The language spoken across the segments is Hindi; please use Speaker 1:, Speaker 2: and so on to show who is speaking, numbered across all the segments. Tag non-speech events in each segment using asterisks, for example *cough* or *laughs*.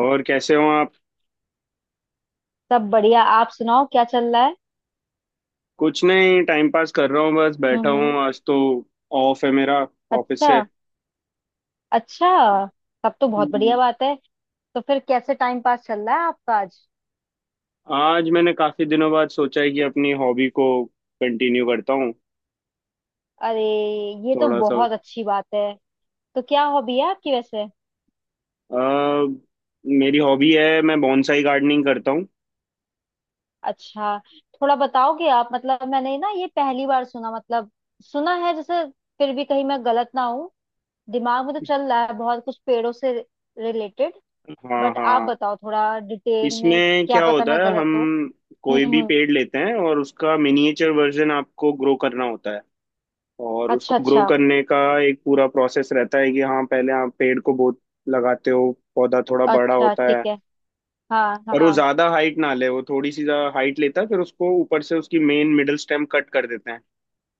Speaker 1: और कैसे हो आप?
Speaker 2: सब बढ़िया। आप सुनाओ क्या चल रहा है।
Speaker 1: कुछ नहीं, टाइम पास कर रहा हूँ बस बैठा
Speaker 2: हम्म।
Speaker 1: हूँ आज तो। ऑफ है मेरा ऑफिस
Speaker 2: अच्छा
Speaker 1: से।
Speaker 2: अच्छा। तब तो बहुत बढ़िया
Speaker 1: हम्म।
Speaker 2: बात है। तो फिर कैसे टाइम पास चल रहा है आपका आज।
Speaker 1: आज मैंने काफी दिनों बाद सोचा है कि अपनी हॉबी को कंटिन्यू करता हूँ
Speaker 2: अरे, ये तो
Speaker 1: थोड़ा सा।
Speaker 2: बहुत अच्छी बात है। तो क्या हॉबी है आपकी वैसे।
Speaker 1: अ, मेरी हॉबी है, मैं बॉन्साई गार्डनिंग करता हूँ।
Speaker 2: अच्छा, थोड़ा बताओगे आप। मतलब मैंने ना ये पहली बार सुना, मतलब सुना है जैसे, फिर भी कहीं मैं गलत ना हूँ। दिमाग में तो चल रहा है बहुत कुछ पेड़ों से रिलेटेड,
Speaker 1: हाँ,
Speaker 2: बट
Speaker 1: हाँ।
Speaker 2: आप बताओ थोड़ा डिटेल में।
Speaker 1: इसमें
Speaker 2: क्या
Speaker 1: क्या
Speaker 2: पता
Speaker 1: होता
Speaker 2: मैं
Speaker 1: है,
Speaker 2: गलत
Speaker 1: हम
Speaker 2: हूँ।
Speaker 1: कोई भी
Speaker 2: हम्म।
Speaker 1: पेड़ लेते हैं और उसका मिनिएचर वर्जन आपको ग्रो करना होता है। और
Speaker 2: अच्छा
Speaker 1: उसको ग्रो
Speaker 2: अच्छा।
Speaker 1: करने का एक पूरा प्रोसेस रहता है कि हाँ, पहले आप पेड़ को बहुत लगाते हो, पौधा थोड़ा बड़ा
Speaker 2: अच्छा
Speaker 1: होता
Speaker 2: ठीक
Speaker 1: है।
Speaker 2: है। हाँ
Speaker 1: और वो
Speaker 2: हाँ।
Speaker 1: ज्यादा हाइट ना ले, वो थोड़ी सी हाइट लेता है, फिर उसको ऊपर से उसकी मेन मिडिल स्टेम कट कर देते हैं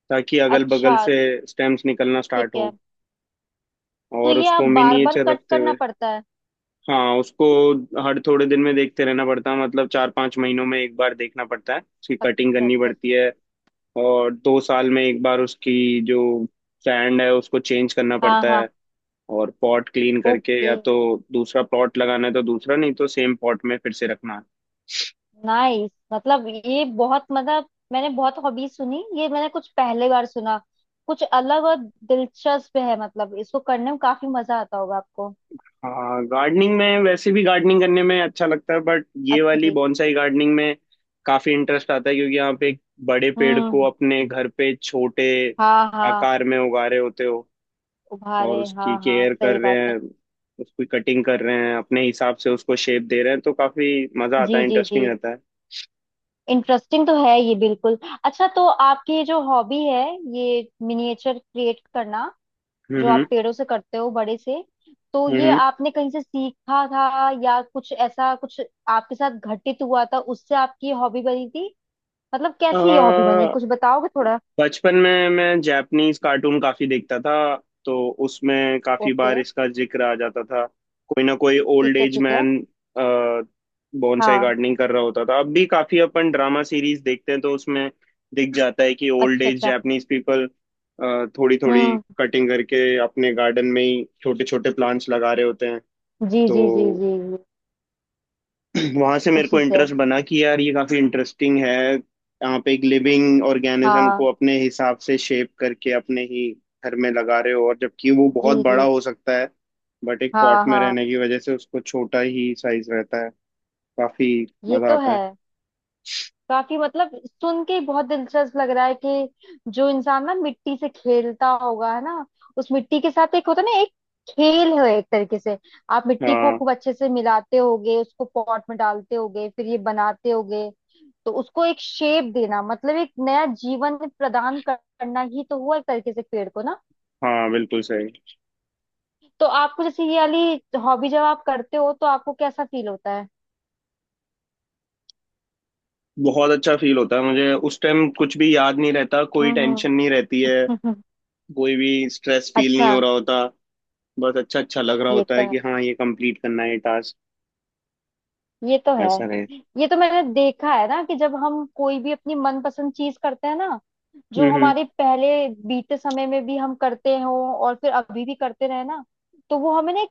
Speaker 1: ताकि अगल
Speaker 2: अच्छा।
Speaker 1: बगल से स्टेम्स निकलना
Speaker 2: ठीक
Speaker 1: स्टार्ट हो।
Speaker 2: है। तो
Speaker 1: और
Speaker 2: ये आप
Speaker 1: उसको
Speaker 2: बार बार
Speaker 1: मिनिएचर
Speaker 2: कट
Speaker 1: रखते
Speaker 2: करना
Speaker 1: हुए,
Speaker 2: पड़ता है।
Speaker 1: हाँ, उसको हर थोड़े दिन में देखते रहना पड़ता है, मतलब 4-5 महीनों में एक बार देखना पड़ता है, उसकी कटिंग
Speaker 2: अच्छा
Speaker 1: करनी
Speaker 2: अच्छा
Speaker 1: पड़ती
Speaker 2: अच्छा।
Speaker 1: है। और 2 साल में एक बार उसकी जो सैंड है उसको चेंज करना
Speaker 2: हाँ
Speaker 1: पड़ता
Speaker 2: हाँ।
Speaker 1: है। और पॉट क्लीन करके
Speaker 2: ओके।
Speaker 1: या तो दूसरा पॉट लगाना है तो दूसरा, नहीं तो सेम पॉट में फिर से रखना है।
Speaker 2: नाइस। मतलब ये बहुत, मतलब मैंने बहुत हॉबी सुनी, ये मैंने कुछ पहले बार सुना, कुछ अलग और दिलचस्प है। मतलब इसको करने में काफी मजा आता होगा आपको।
Speaker 1: हाँ, गार्डनिंग में वैसे भी गार्डनिंग करने में अच्छा लगता है, बट ये
Speaker 2: अच्छा
Speaker 1: वाली
Speaker 2: जी।
Speaker 1: बॉन्साई गार्डनिंग में काफी इंटरेस्ट आता है, क्योंकि आप एक बड़े पेड़ को
Speaker 2: हम्म।
Speaker 1: अपने घर पे छोटे
Speaker 2: हाँ हाँ।
Speaker 1: आकार में उगा रहे होते हो। और
Speaker 2: उभारे, हाँ
Speaker 1: उसकी
Speaker 2: हाँ,
Speaker 1: केयर कर
Speaker 2: सही
Speaker 1: रहे
Speaker 2: बात है।
Speaker 1: हैं, उसकी कटिंग कर रहे हैं, अपने हिसाब से उसको शेप दे रहे हैं, तो काफी मजा आता है,
Speaker 2: जी जी जी।
Speaker 1: इंटरेस्टिंग रहता है।
Speaker 2: इंटरेस्टिंग तो है ये बिल्कुल। अच्छा, तो आपकी ये जो हॉबी है, ये मिनिएचर क्रिएट करना, जो आप
Speaker 1: हम्म,
Speaker 2: पेड़ों से करते हो बड़े से, तो ये
Speaker 1: हम्म,
Speaker 2: आपने कहीं से सीखा था, या कुछ ऐसा कुछ आपके साथ घटित हुआ था उससे आपकी हॉबी बनी थी। मतलब कैसे ये हॉबी बनी,
Speaker 1: हम्म।
Speaker 2: कुछ बताओगे थोड़ा।
Speaker 1: बचपन में मैं जापानीज कार्टून काफी देखता था, तो उसमें काफी
Speaker 2: ओके।
Speaker 1: बार इसका जिक्र आ जाता था। कोई ना कोई ओल्ड
Speaker 2: ठीक है
Speaker 1: एज
Speaker 2: ठीक है।
Speaker 1: मैन बोनसाई
Speaker 2: हाँ।
Speaker 1: गार्डनिंग कर रहा होता था, अब भी काफी अपन ड्रामा सीरीज देखते हैं तो उसमें दिख जाता है कि ओल्ड
Speaker 2: अच्छा
Speaker 1: एज
Speaker 2: अच्छा।
Speaker 1: जापानीज पीपल थोड़ी थोड़ी
Speaker 2: हम्म।
Speaker 1: कटिंग करके अपने गार्डन में ही छोटे छोटे प्लांट्स लगा रहे होते हैं।
Speaker 2: जी
Speaker 1: तो
Speaker 2: जी जी जी जी।
Speaker 1: *clears throat* वहां से मेरे
Speaker 2: उसी
Speaker 1: को
Speaker 2: से।
Speaker 1: इंटरेस्ट बना कि यार ये काफी इंटरेस्टिंग है। आप एक लिविंग ऑर्गेनिज्म को
Speaker 2: हाँ।
Speaker 1: अपने हिसाब से शेप करके अपने ही घर में लगा रहे हो, और जबकि वो
Speaker 2: जी
Speaker 1: बहुत बड़ा
Speaker 2: जी।
Speaker 1: हो सकता है, बट एक
Speaker 2: हाँ
Speaker 1: पॉट में
Speaker 2: हाँ।
Speaker 1: रहने की वजह से उसको छोटा ही साइज रहता है, काफी
Speaker 2: ये
Speaker 1: मजा
Speaker 2: तो
Speaker 1: आता है।
Speaker 2: है। काफी, मतलब सुन के ही बहुत दिलचस्प लग रहा है कि जो इंसान ना मिट्टी से खेलता होगा है ना, उस मिट्टी के साथ एक होता है ना, एक खेल है एक तरीके से। आप मिट्टी को
Speaker 1: हाँ,
Speaker 2: खूब अच्छे से मिलाते होगे, उसको पॉट में डालते होगे, फिर ये बनाते होगे। तो उसको एक शेप देना, मतलब एक नया जीवन प्रदान करना ही तो हुआ एक तरीके से पेड़ को ना।
Speaker 1: हाँ, बिल्कुल सही।
Speaker 2: तो आपको जैसे ये वाली हॉबी जब आप करते हो तो आपको कैसा फील होता है।
Speaker 1: बहुत अच्छा फील होता है, मुझे उस टाइम कुछ भी याद नहीं रहता, कोई
Speaker 2: हम्म
Speaker 1: टेंशन नहीं रहती है,
Speaker 2: हम्म।
Speaker 1: कोई भी स्ट्रेस
Speaker 2: *laughs*
Speaker 1: फील नहीं
Speaker 2: अच्छा।
Speaker 1: हो रहा होता, बस अच्छा अच्छा लग रहा
Speaker 2: ये
Speaker 1: होता
Speaker 2: तो
Speaker 1: है कि
Speaker 2: है।
Speaker 1: हाँ, ये कंप्लीट करना है टास्क
Speaker 2: ये तो है।
Speaker 1: ऐसा रहे।
Speaker 2: ये तो मैंने देखा है ना कि जब हम कोई भी अपनी मनपसंद चीज करते हैं ना,
Speaker 1: हम्म,
Speaker 2: जो
Speaker 1: हम्म।
Speaker 2: हमारे पहले बीते समय में भी हम करते हो, और फिर अभी भी करते रहे ना, तो वो हमें ना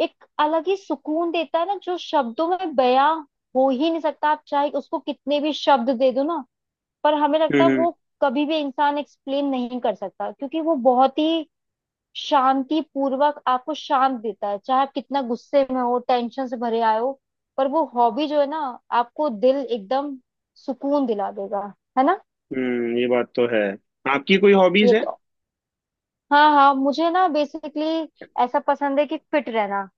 Speaker 2: एक अलग ही सुकून देता है ना, जो शब्दों में बयां हो ही नहीं सकता। आप चाहे उसको कितने भी शब्द दे दो ना, पर हमें लगता
Speaker 1: हम्म,
Speaker 2: है
Speaker 1: हम्म,
Speaker 2: वो कभी भी इंसान एक्सप्लेन नहीं कर सकता क्योंकि वो बहुत ही शांति पूर्वक आपको शांत देता है। चाहे आप कितना गुस्से में हो, टेंशन से भरे आए हो, पर वो हॉबी जो है ना, आपको दिल एकदम सुकून दिला देगा, है ना।
Speaker 1: ये बात तो है। आपकी कोई हॉबीज
Speaker 2: ये
Speaker 1: है?
Speaker 2: तो। हाँ हाँ, मुझे ना बेसिकली ऐसा पसंद है कि फिट रहना।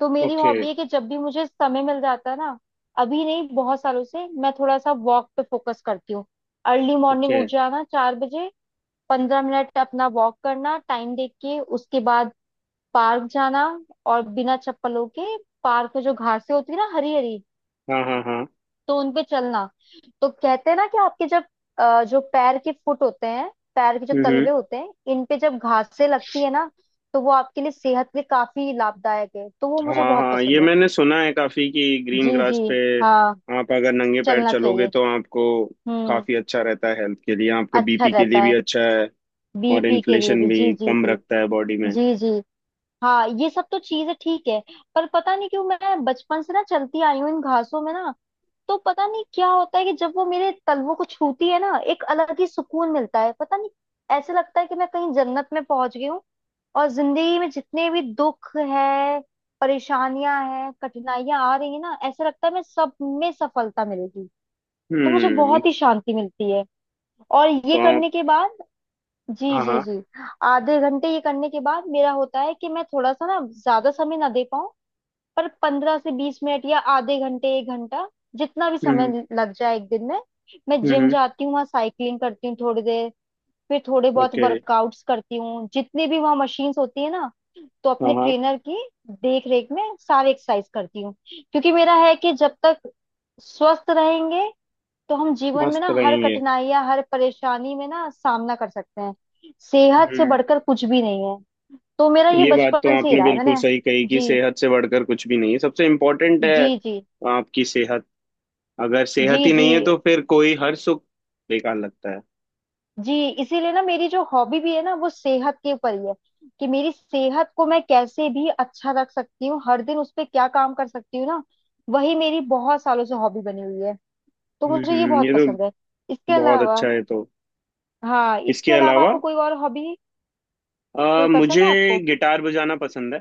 Speaker 2: तो मेरी
Speaker 1: ओके।
Speaker 2: हॉबी है कि जब भी मुझे समय मिल जाता है ना, अभी नहीं, बहुत सालों से मैं थोड़ा सा वॉक पे फोकस करती हूँ। Early morning
Speaker 1: okay.
Speaker 2: उठ जाना 4 बजे, 15 मिनट अपना वॉक करना, टाइम देख के। उसके बाद पार्क जाना, और बिना चप्पलों के पार्क में जो घासें होती है ना, हरी हरी,
Speaker 1: हाँ, हाँ, हाँ।
Speaker 2: तो उनपे चलना। तो कहते हैं ना कि आपके जब जो पैर के फुट होते हैं, पैर के जो
Speaker 1: हम्म।
Speaker 2: तलवे होते हैं, इन पे जब घासें लगती है ना, तो वो आपके लिए सेहत के लिए काफी लाभदायक है। तो वो मुझे
Speaker 1: हाँ,
Speaker 2: बहुत
Speaker 1: हाँ। ये
Speaker 2: पसंद है।
Speaker 1: मैंने सुना है काफी कि ग्रीन
Speaker 2: जी जी।
Speaker 1: ग्रास पे
Speaker 2: हाँ।
Speaker 1: आप अगर नंगे पैर
Speaker 2: चलना
Speaker 1: चलोगे
Speaker 2: चाहिए।
Speaker 1: तो आपको
Speaker 2: हम्म।
Speaker 1: काफी अच्छा रहता है हेल्थ के लिए, आपका
Speaker 2: अच्छा
Speaker 1: बीपी के लिए
Speaker 2: रहता
Speaker 1: भी
Speaker 2: है।
Speaker 1: अच्छा है। और
Speaker 2: बीपी के लिए
Speaker 1: इन्फ्लेशन
Speaker 2: भी,
Speaker 1: भी
Speaker 2: जी जी
Speaker 1: कम
Speaker 2: जी।
Speaker 1: रखता है बॉडी में।
Speaker 2: जी जी। हाँ ये सब तो चीजें ठीक है। पर पता नहीं क्यों मैं बचपन से ना चलती आई हूँ इन घासों में ना, तो पता नहीं क्या होता है कि जब वो मेरे तलवों को छूती है ना, एक अलग ही सुकून मिलता है। पता नहीं, ऐसे लगता है कि मैं कहीं जन्नत में पहुंच गई हूँ। और जिंदगी में जितने भी दुख है, परेशानियां हैं, कठिनाइयां आ रही है ना, ऐसा लगता है मैं सब में सफलता मिलेगी। तो मुझे
Speaker 1: हम्म।
Speaker 2: बहुत ही शांति मिलती है, और ये
Speaker 1: तो आप।
Speaker 2: करने के बाद। जी
Speaker 1: हाँ,
Speaker 2: जी
Speaker 1: हाँ।
Speaker 2: जी। आधे घंटे ये करने के बाद मेरा होता है कि मैं थोड़ा सा ना ज्यादा समय ना दे पाऊं, पर 15 से 20 मिनट या आधे घंटे एक घंटा, जितना भी
Speaker 1: हम्म,
Speaker 2: समय लग जाए एक दिन में, मैं जिम
Speaker 1: हम्म।
Speaker 2: जाती हूँ। वहाँ साइकिलिंग करती हूँ थोड़ी देर, फिर थोड़े बहुत
Speaker 1: ओके।
Speaker 2: वर्कआउट्स करती हूँ, जितने भी वहाँ मशीन्स होती है ना, तो
Speaker 1: हाँ,
Speaker 2: अपने
Speaker 1: हाँ।
Speaker 2: ट्रेनर की देख रेख में सारे एक्सरसाइज करती हूँ। क्योंकि मेरा है कि जब तक स्वस्थ रहेंगे, तो हम जीवन में
Speaker 1: मस्त
Speaker 2: ना हर
Speaker 1: रहेंगे।
Speaker 2: कठिनाई या हर परेशानी में ना सामना कर सकते हैं। सेहत से
Speaker 1: हम्म,
Speaker 2: बढ़कर कुछ भी नहीं है। तो मेरा ये
Speaker 1: ये बात तो
Speaker 2: बचपन से ही
Speaker 1: आपने
Speaker 2: रहा है
Speaker 1: बिल्कुल
Speaker 2: मैंने।
Speaker 1: सही कही कि
Speaker 2: जी।
Speaker 1: सेहत से बढ़कर कुछ भी नहीं है, सबसे इम्पोर्टेंट है
Speaker 2: जी जी।
Speaker 1: आपकी सेहत। अगर
Speaker 2: जी
Speaker 1: सेहत ही
Speaker 2: जी
Speaker 1: नहीं है तो फिर कोई हर सुख बेकार लगता है।
Speaker 2: जी। इसीलिए ना मेरी जो हॉबी भी है ना, वो सेहत के ऊपर ही है। कि मेरी सेहत को मैं कैसे भी अच्छा रख सकती हूँ, हर दिन उस पे क्या काम कर सकती हूँ ना, वही मेरी बहुत सालों से हॉबी बनी हुई है। तो
Speaker 1: हम्म,
Speaker 2: मुझे ये बहुत
Speaker 1: ये
Speaker 2: पसंद है।
Speaker 1: तो
Speaker 2: इसके
Speaker 1: बहुत
Speaker 2: अलावा,
Speaker 1: अच्छा है, तो।
Speaker 2: हाँ
Speaker 1: इसके
Speaker 2: इसके अलावा
Speaker 1: अलावा
Speaker 2: आपको कोई और हॉबी कोई पसंद
Speaker 1: मुझे
Speaker 2: है आपको।
Speaker 1: गिटार बजाना पसंद है।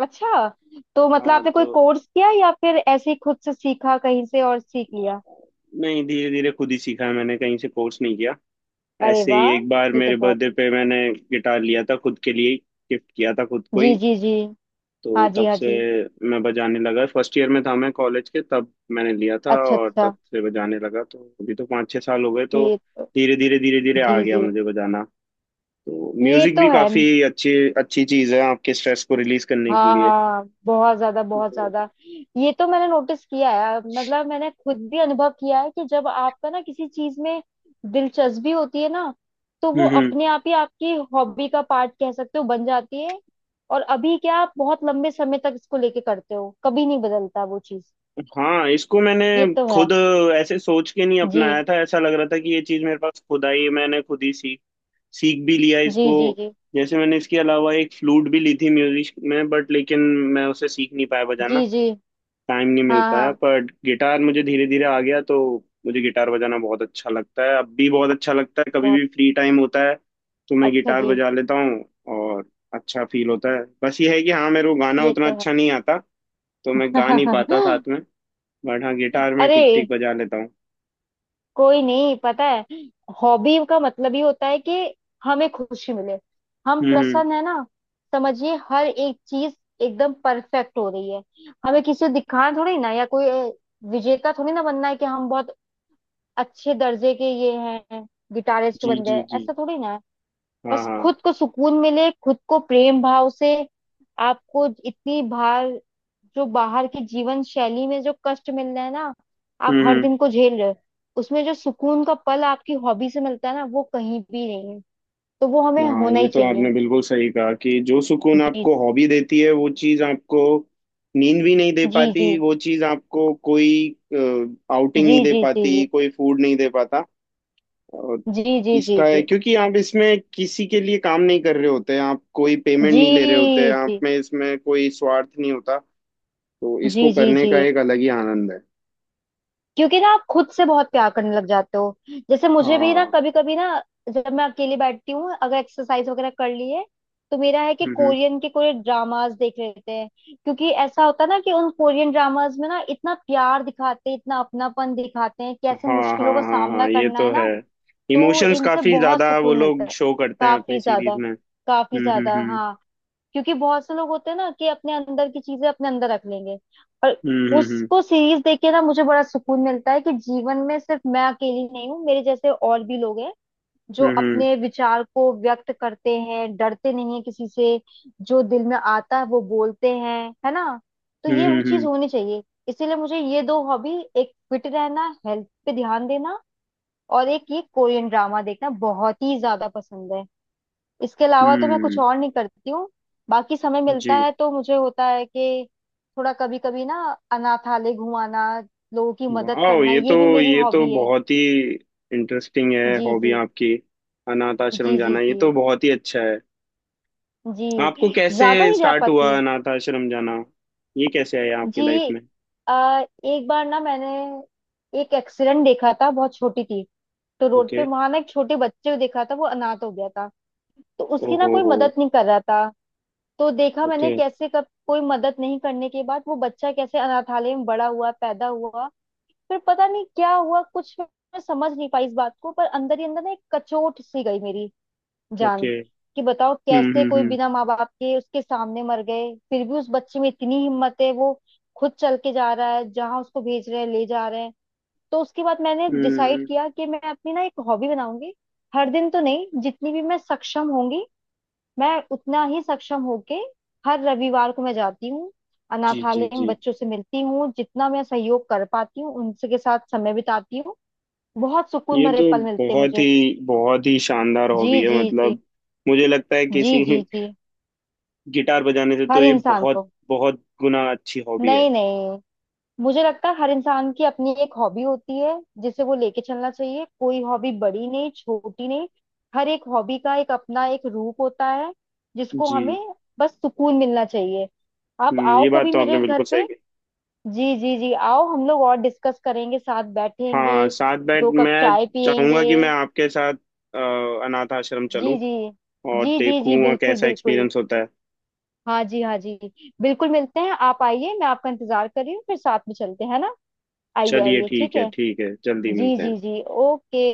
Speaker 2: अच्छा, तो मतलब
Speaker 1: हाँ,
Speaker 2: आपने कोई
Speaker 1: तो
Speaker 2: कोर्स किया या फिर ऐसे ही खुद से सीखा, कहीं से और सीख लिया।
Speaker 1: अ, नहीं, धीरे धीरे खुद ही सीखा है मैंने, कहीं से कोर्स नहीं किया।
Speaker 2: अरे
Speaker 1: ऐसे ही
Speaker 2: वाह,
Speaker 1: एक बार
Speaker 2: ये तो
Speaker 1: मेरे
Speaker 2: बहुत।
Speaker 1: बर्थडे पे मैंने गिटार लिया था खुद के लिए, गिफ्ट किया था खुद को
Speaker 2: जी
Speaker 1: ही।
Speaker 2: जी जी।
Speaker 1: तो
Speaker 2: हाँ जी
Speaker 1: तब
Speaker 2: हाँ
Speaker 1: से
Speaker 2: जी।
Speaker 1: मैं बजाने लगा, फर्स्ट ईयर में था मैं कॉलेज के, तब मैंने लिया था
Speaker 2: अच्छा
Speaker 1: और
Speaker 2: अच्छा।
Speaker 1: तब से बजाने लगा, तो अभी तो 5-6 साल हो गए तो।
Speaker 2: जी।
Speaker 1: धीरे धीरे धीरे धीरे आ
Speaker 2: जी
Speaker 1: गया
Speaker 2: जी।
Speaker 1: मुझे बजाना। तो
Speaker 2: ये
Speaker 1: म्यूजिक
Speaker 2: तो
Speaker 1: भी
Speaker 2: है।
Speaker 1: काफी अच्छी अच्छी चीज है आपके स्ट्रेस को रिलीज करने के
Speaker 2: हाँ
Speaker 1: लिए,
Speaker 2: हाँ, बहुत ज्यादा, बहुत
Speaker 1: तो।
Speaker 2: ज्यादा। ये तो मैंने नोटिस किया है, मतलब मैंने खुद भी अनुभव किया है कि जब आपका ना किसी चीज में दिलचस्पी होती है ना, तो वो
Speaker 1: हम्म,
Speaker 2: अपने आप ही आपकी हॉबी का पार्ट, कह सकते हो, बन जाती है। और अभी क्या आप बहुत लंबे समय तक इसको लेके करते हो, कभी नहीं बदलता वो चीज।
Speaker 1: हाँ, इसको मैंने
Speaker 2: ये तो है।
Speaker 1: खुद ऐसे सोच के नहीं
Speaker 2: जी।
Speaker 1: अपनाया था, ऐसा लग रहा था कि ये चीज मेरे पास खुद आई है, मैंने खुद ही सीख सीख भी लिया
Speaker 2: जी
Speaker 1: इसको।
Speaker 2: जी जी।
Speaker 1: जैसे मैंने इसके अलावा एक फ्लूट भी ली थी म्यूजिक में, बट लेकिन मैं उसे सीख नहीं पाया बजाना,
Speaker 2: जी जी।
Speaker 1: टाइम नहीं मिल
Speaker 2: हाँ
Speaker 1: पाया,
Speaker 2: हाँ।
Speaker 1: पर गिटार मुझे धीरे धीरे आ गया, तो मुझे गिटार बजाना बहुत अच्छा लगता है, अब भी बहुत अच्छा लगता है, कभी
Speaker 2: बहुत
Speaker 1: भी फ्री टाइम होता है तो मैं
Speaker 2: अच्छा।
Speaker 1: गिटार
Speaker 2: जी।
Speaker 1: बजा लेता हूँ। और अच्छा फील होता है, बस ये है कि हाँ, मेरे को गाना
Speaker 2: ये
Speaker 1: उतना
Speaker 2: तो है।
Speaker 1: अच्छा नहीं आता, तो मैं गा नहीं पाता साथ में। बट हाँ, गिटार
Speaker 2: *laughs*
Speaker 1: में
Speaker 2: अरे,
Speaker 1: ठीक ठीक बजा लेता हूँ।
Speaker 2: कोई नहीं, पता है हॉबी का मतलब ही होता है कि हमें खुशी मिले, हम
Speaker 1: हम्म, हम्म।
Speaker 2: प्रसन्न है ना। समझिए हर एक चीज एकदम परफेक्ट हो रही है। हमें किसी को दिखाना थोड़ी ना, या कोई विजेता थोड़ी ना बनना है कि हम बहुत अच्छे दर्जे के ये हैं, गिटारिस्ट
Speaker 1: जी,
Speaker 2: बन
Speaker 1: जी,
Speaker 2: गए,
Speaker 1: जी।
Speaker 2: ऐसा थोड़ी ना है।
Speaker 1: हाँ,
Speaker 2: बस
Speaker 1: हाँ।
Speaker 2: खुद को सुकून मिले, खुद को प्रेम भाव से। आपको इतनी बाहर, जो बाहर की जीवन शैली में जो कष्ट मिल रहा है ना, आप
Speaker 1: हम्म,
Speaker 2: हर
Speaker 1: हम्म।
Speaker 2: दिन को झेल रहे हो, उसमें जो सुकून का पल आपकी हॉबी से मिलता है ना, वो कहीं भी नहीं है। तो वो हमें
Speaker 1: हाँ,
Speaker 2: होना
Speaker 1: ये
Speaker 2: ही
Speaker 1: तो
Speaker 2: चाहिए।
Speaker 1: आपने बिल्कुल सही कहा कि जो सुकून
Speaker 2: जी।
Speaker 1: आपको हॉबी देती है वो चीज आपको नींद भी नहीं दे
Speaker 2: जी जी।
Speaker 1: पाती, वो चीज आपको कोई आउटिंग नहीं
Speaker 2: जी
Speaker 1: दे
Speaker 2: जी जी
Speaker 1: पाती,
Speaker 2: जी
Speaker 1: कोई फूड नहीं दे पाता। और
Speaker 2: जी जी जी
Speaker 1: इसका है
Speaker 2: जी
Speaker 1: क्योंकि आप इसमें किसी के लिए काम नहीं कर रहे होते, आप कोई पेमेंट
Speaker 2: जी
Speaker 1: नहीं ले रहे होते, आप
Speaker 2: जी
Speaker 1: में इसमें कोई स्वार्थ नहीं होता। तो इसको
Speaker 2: जी जी जी
Speaker 1: करने
Speaker 2: जी।
Speaker 1: का एक अलग ही आनंद है।
Speaker 2: क्योंकि ना आप खुद से बहुत प्यार करने लग जाते हो। जैसे मुझे भी ना,
Speaker 1: हाँ।
Speaker 2: कभी कभी ना, जब मैं अकेली बैठती हूँ, अगर एक्सरसाइज वगैरह कर ली है, तो मेरा है कि
Speaker 1: हम्म।
Speaker 2: कोरियन के कोई ड्रामास देख लेते हैं। क्योंकि ऐसा होता है ना कि उन कोरियन ड्रामास में ना इतना प्यार दिखाते हैं, इतना अपनापन दिखाते हैं, कैसे
Speaker 1: हाँ,
Speaker 2: मुश्किलों
Speaker 1: हाँ,
Speaker 2: का
Speaker 1: हाँ,
Speaker 2: सामना
Speaker 1: हाँ, ये
Speaker 2: करना
Speaker 1: तो
Speaker 2: है
Speaker 1: है।
Speaker 2: ना। तो
Speaker 1: इमोशंस
Speaker 2: इनसे
Speaker 1: काफी
Speaker 2: बहुत
Speaker 1: ज्यादा वो
Speaker 2: सुकून मिलता
Speaker 1: लोग
Speaker 2: है।
Speaker 1: शो करते हैं अपनी
Speaker 2: काफी
Speaker 1: सीरीज
Speaker 2: ज्यादा।
Speaker 1: में।
Speaker 2: काफी
Speaker 1: हम्म,
Speaker 2: ज्यादा,
Speaker 1: हम्म,
Speaker 2: हाँ। क्योंकि बहुत से लोग होते हैं ना कि अपने अंदर की चीजें अपने अंदर रख लेंगे, और
Speaker 1: हम्म,
Speaker 2: उसको सीरीज देख के ना मुझे बड़ा सुकून मिलता है कि जीवन में सिर्फ मैं अकेली नहीं हूँ, मेरे जैसे और भी लोग हैं, जो
Speaker 1: हम्म, हम्म,
Speaker 2: अपने विचार को व्यक्त करते हैं, डरते नहीं है किसी से। जो दिल में आता है वो बोलते हैं, है ना। तो ये
Speaker 1: हम्म,
Speaker 2: वो चीज होनी चाहिए। इसीलिए मुझे ये दो हॉबी, एक फिट रहना, हेल्थ पे ध्यान देना, और एक ये कोरियन ड्रामा देखना, बहुत ही ज्यादा पसंद है। इसके अलावा तो मैं
Speaker 1: हम्म,
Speaker 2: कुछ
Speaker 1: हम्म,
Speaker 2: और नहीं करती हूँ। बाकी समय
Speaker 1: जी।
Speaker 2: मिलता है तो मुझे होता है कि थोड़ा कभी कभी ना अनाथालय घुमाना, लोगों की मदद
Speaker 1: वाह,
Speaker 2: करना,
Speaker 1: ये तो
Speaker 2: ये भी मेरी
Speaker 1: ये तो
Speaker 2: हॉबी है।
Speaker 1: बहुत ही इंटरेस्टिंग है
Speaker 2: जी
Speaker 1: हॉबी
Speaker 2: जी।
Speaker 1: आपकी। अनाथ आश्रम
Speaker 2: जी जी
Speaker 1: जाना ये
Speaker 2: जी
Speaker 1: तो बहुत ही अच्छा है।
Speaker 2: जी।
Speaker 1: आपको कैसे
Speaker 2: ज्यादा नहीं जा
Speaker 1: स्टार्ट हुआ
Speaker 2: पाती।
Speaker 1: अनाथ आश्रम जाना, ये कैसे आया आपकी
Speaker 2: जी।
Speaker 1: लाइफ में?
Speaker 2: आ, एक बार ना मैंने एक एक्सीडेंट देखा था, बहुत छोटी थी। तो रोड पे
Speaker 1: ओके।
Speaker 2: वहां ना एक छोटे बच्चे को देखा था, वो अनाथ हो गया था। तो उसकी ना
Speaker 1: ओहो
Speaker 2: कोई
Speaker 1: हो।
Speaker 2: मदद नहीं कर रहा था। तो देखा
Speaker 1: ओके।
Speaker 2: मैंने कैसे, कब कोई मदद नहीं करने के बाद वो बच्चा कैसे अनाथालय में बड़ा हुआ, पैदा हुआ। फिर पता नहीं क्या हुआ, कुछ मैं समझ नहीं पाई इस बात को, पर अंदर ही अंदर ना एक कचोट सी गई मेरी जान,
Speaker 1: ओके।
Speaker 2: कि बताओ
Speaker 1: हम्म,
Speaker 2: कैसे कोई
Speaker 1: हम्म,
Speaker 2: बिना माँ बाप के, उसके सामने मर गए, फिर भी उस बच्चे में इतनी हिम्मत है, वो खुद चल के जा रहा है जहाँ उसको भेज रहे हैं, ले जा रहे हैं। तो उसके बाद मैंने
Speaker 1: हम्म,
Speaker 2: डिसाइड किया कि मैं अपनी ना एक हॉबी बनाऊंगी। हर दिन तो नहीं, जितनी भी मैं सक्षम होंगी, मैं उतना ही सक्षम होके हर रविवार को मैं जाती हूँ,
Speaker 1: जी, जी,
Speaker 2: अनाथालय में
Speaker 1: जी।
Speaker 2: बच्चों से मिलती हूँ, जितना मैं सहयोग कर पाती हूँ उनसे, के साथ समय बिताती हूँ। बहुत सुकून
Speaker 1: ये
Speaker 2: भरे
Speaker 1: तो
Speaker 2: पल मिलते हैं
Speaker 1: बहुत ही
Speaker 2: मुझे।
Speaker 1: बहुत ही शानदार
Speaker 2: जी
Speaker 1: हॉबी है,
Speaker 2: जी जी।
Speaker 1: मतलब मुझे लगता है
Speaker 2: जी
Speaker 1: किसी
Speaker 2: जी जी।
Speaker 1: गिटार बजाने से तो
Speaker 2: हर
Speaker 1: ये
Speaker 2: इंसान
Speaker 1: बहुत
Speaker 2: को।
Speaker 1: बहुत गुना अच्छी हॉबी है।
Speaker 2: नहीं नहीं, मुझे लगता है हर इंसान की अपनी एक हॉबी होती है, जिसे वो लेके चलना चाहिए। कोई हॉबी बड़ी नहीं छोटी नहीं, हर एक हॉबी का एक अपना एक रूप होता है, जिसको
Speaker 1: जी।
Speaker 2: हमें बस सुकून मिलना चाहिए। आप
Speaker 1: हम्म,
Speaker 2: आओ
Speaker 1: ये बात
Speaker 2: कभी
Speaker 1: तो आपने
Speaker 2: मेरे घर
Speaker 1: बिल्कुल सही
Speaker 2: पे।
Speaker 1: कही।
Speaker 2: जी जी जी, आओ, हम लोग और डिस्कस करेंगे, साथ
Speaker 1: हाँ,
Speaker 2: बैठेंगे,
Speaker 1: साथ बैठ
Speaker 2: दो कप
Speaker 1: मैं
Speaker 2: चाय
Speaker 1: चाहूंगा
Speaker 2: पियेंगे।
Speaker 1: कि मैं आपके साथ अ, अनाथ आश्रम
Speaker 2: जी
Speaker 1: चलूं
Speaker 2: जी
Speaker 1: और
Speaker 2: जी जी जी,
Speaker 1: देखूं वहाँ
Speaker 2: बिल्कुल
Speaker 1: कैसा
Speaker 2: बिल्कुल।
Speaker 1: एक्सपीरियंस होता है।
Speaker 2: हाँ जी हाँ जी। बिल्कुल, मिलते हैं, आप आइए, मैं आपका इंतजार कर रही हूँ, फिर साथ में चलते हैं ना। आइए
Speaker 1: चलिए,
Speaker 2: आइए, ठीक
Speaker 1: ठीक है,
Speaker 2: है।
Speaker 1: ठीक है, जल्दी
Speaker 2: जी
Speaker 1: मिलते
Speaker 2: जी
Speaker 1: हैं।
Speaker 2: जी। ओके।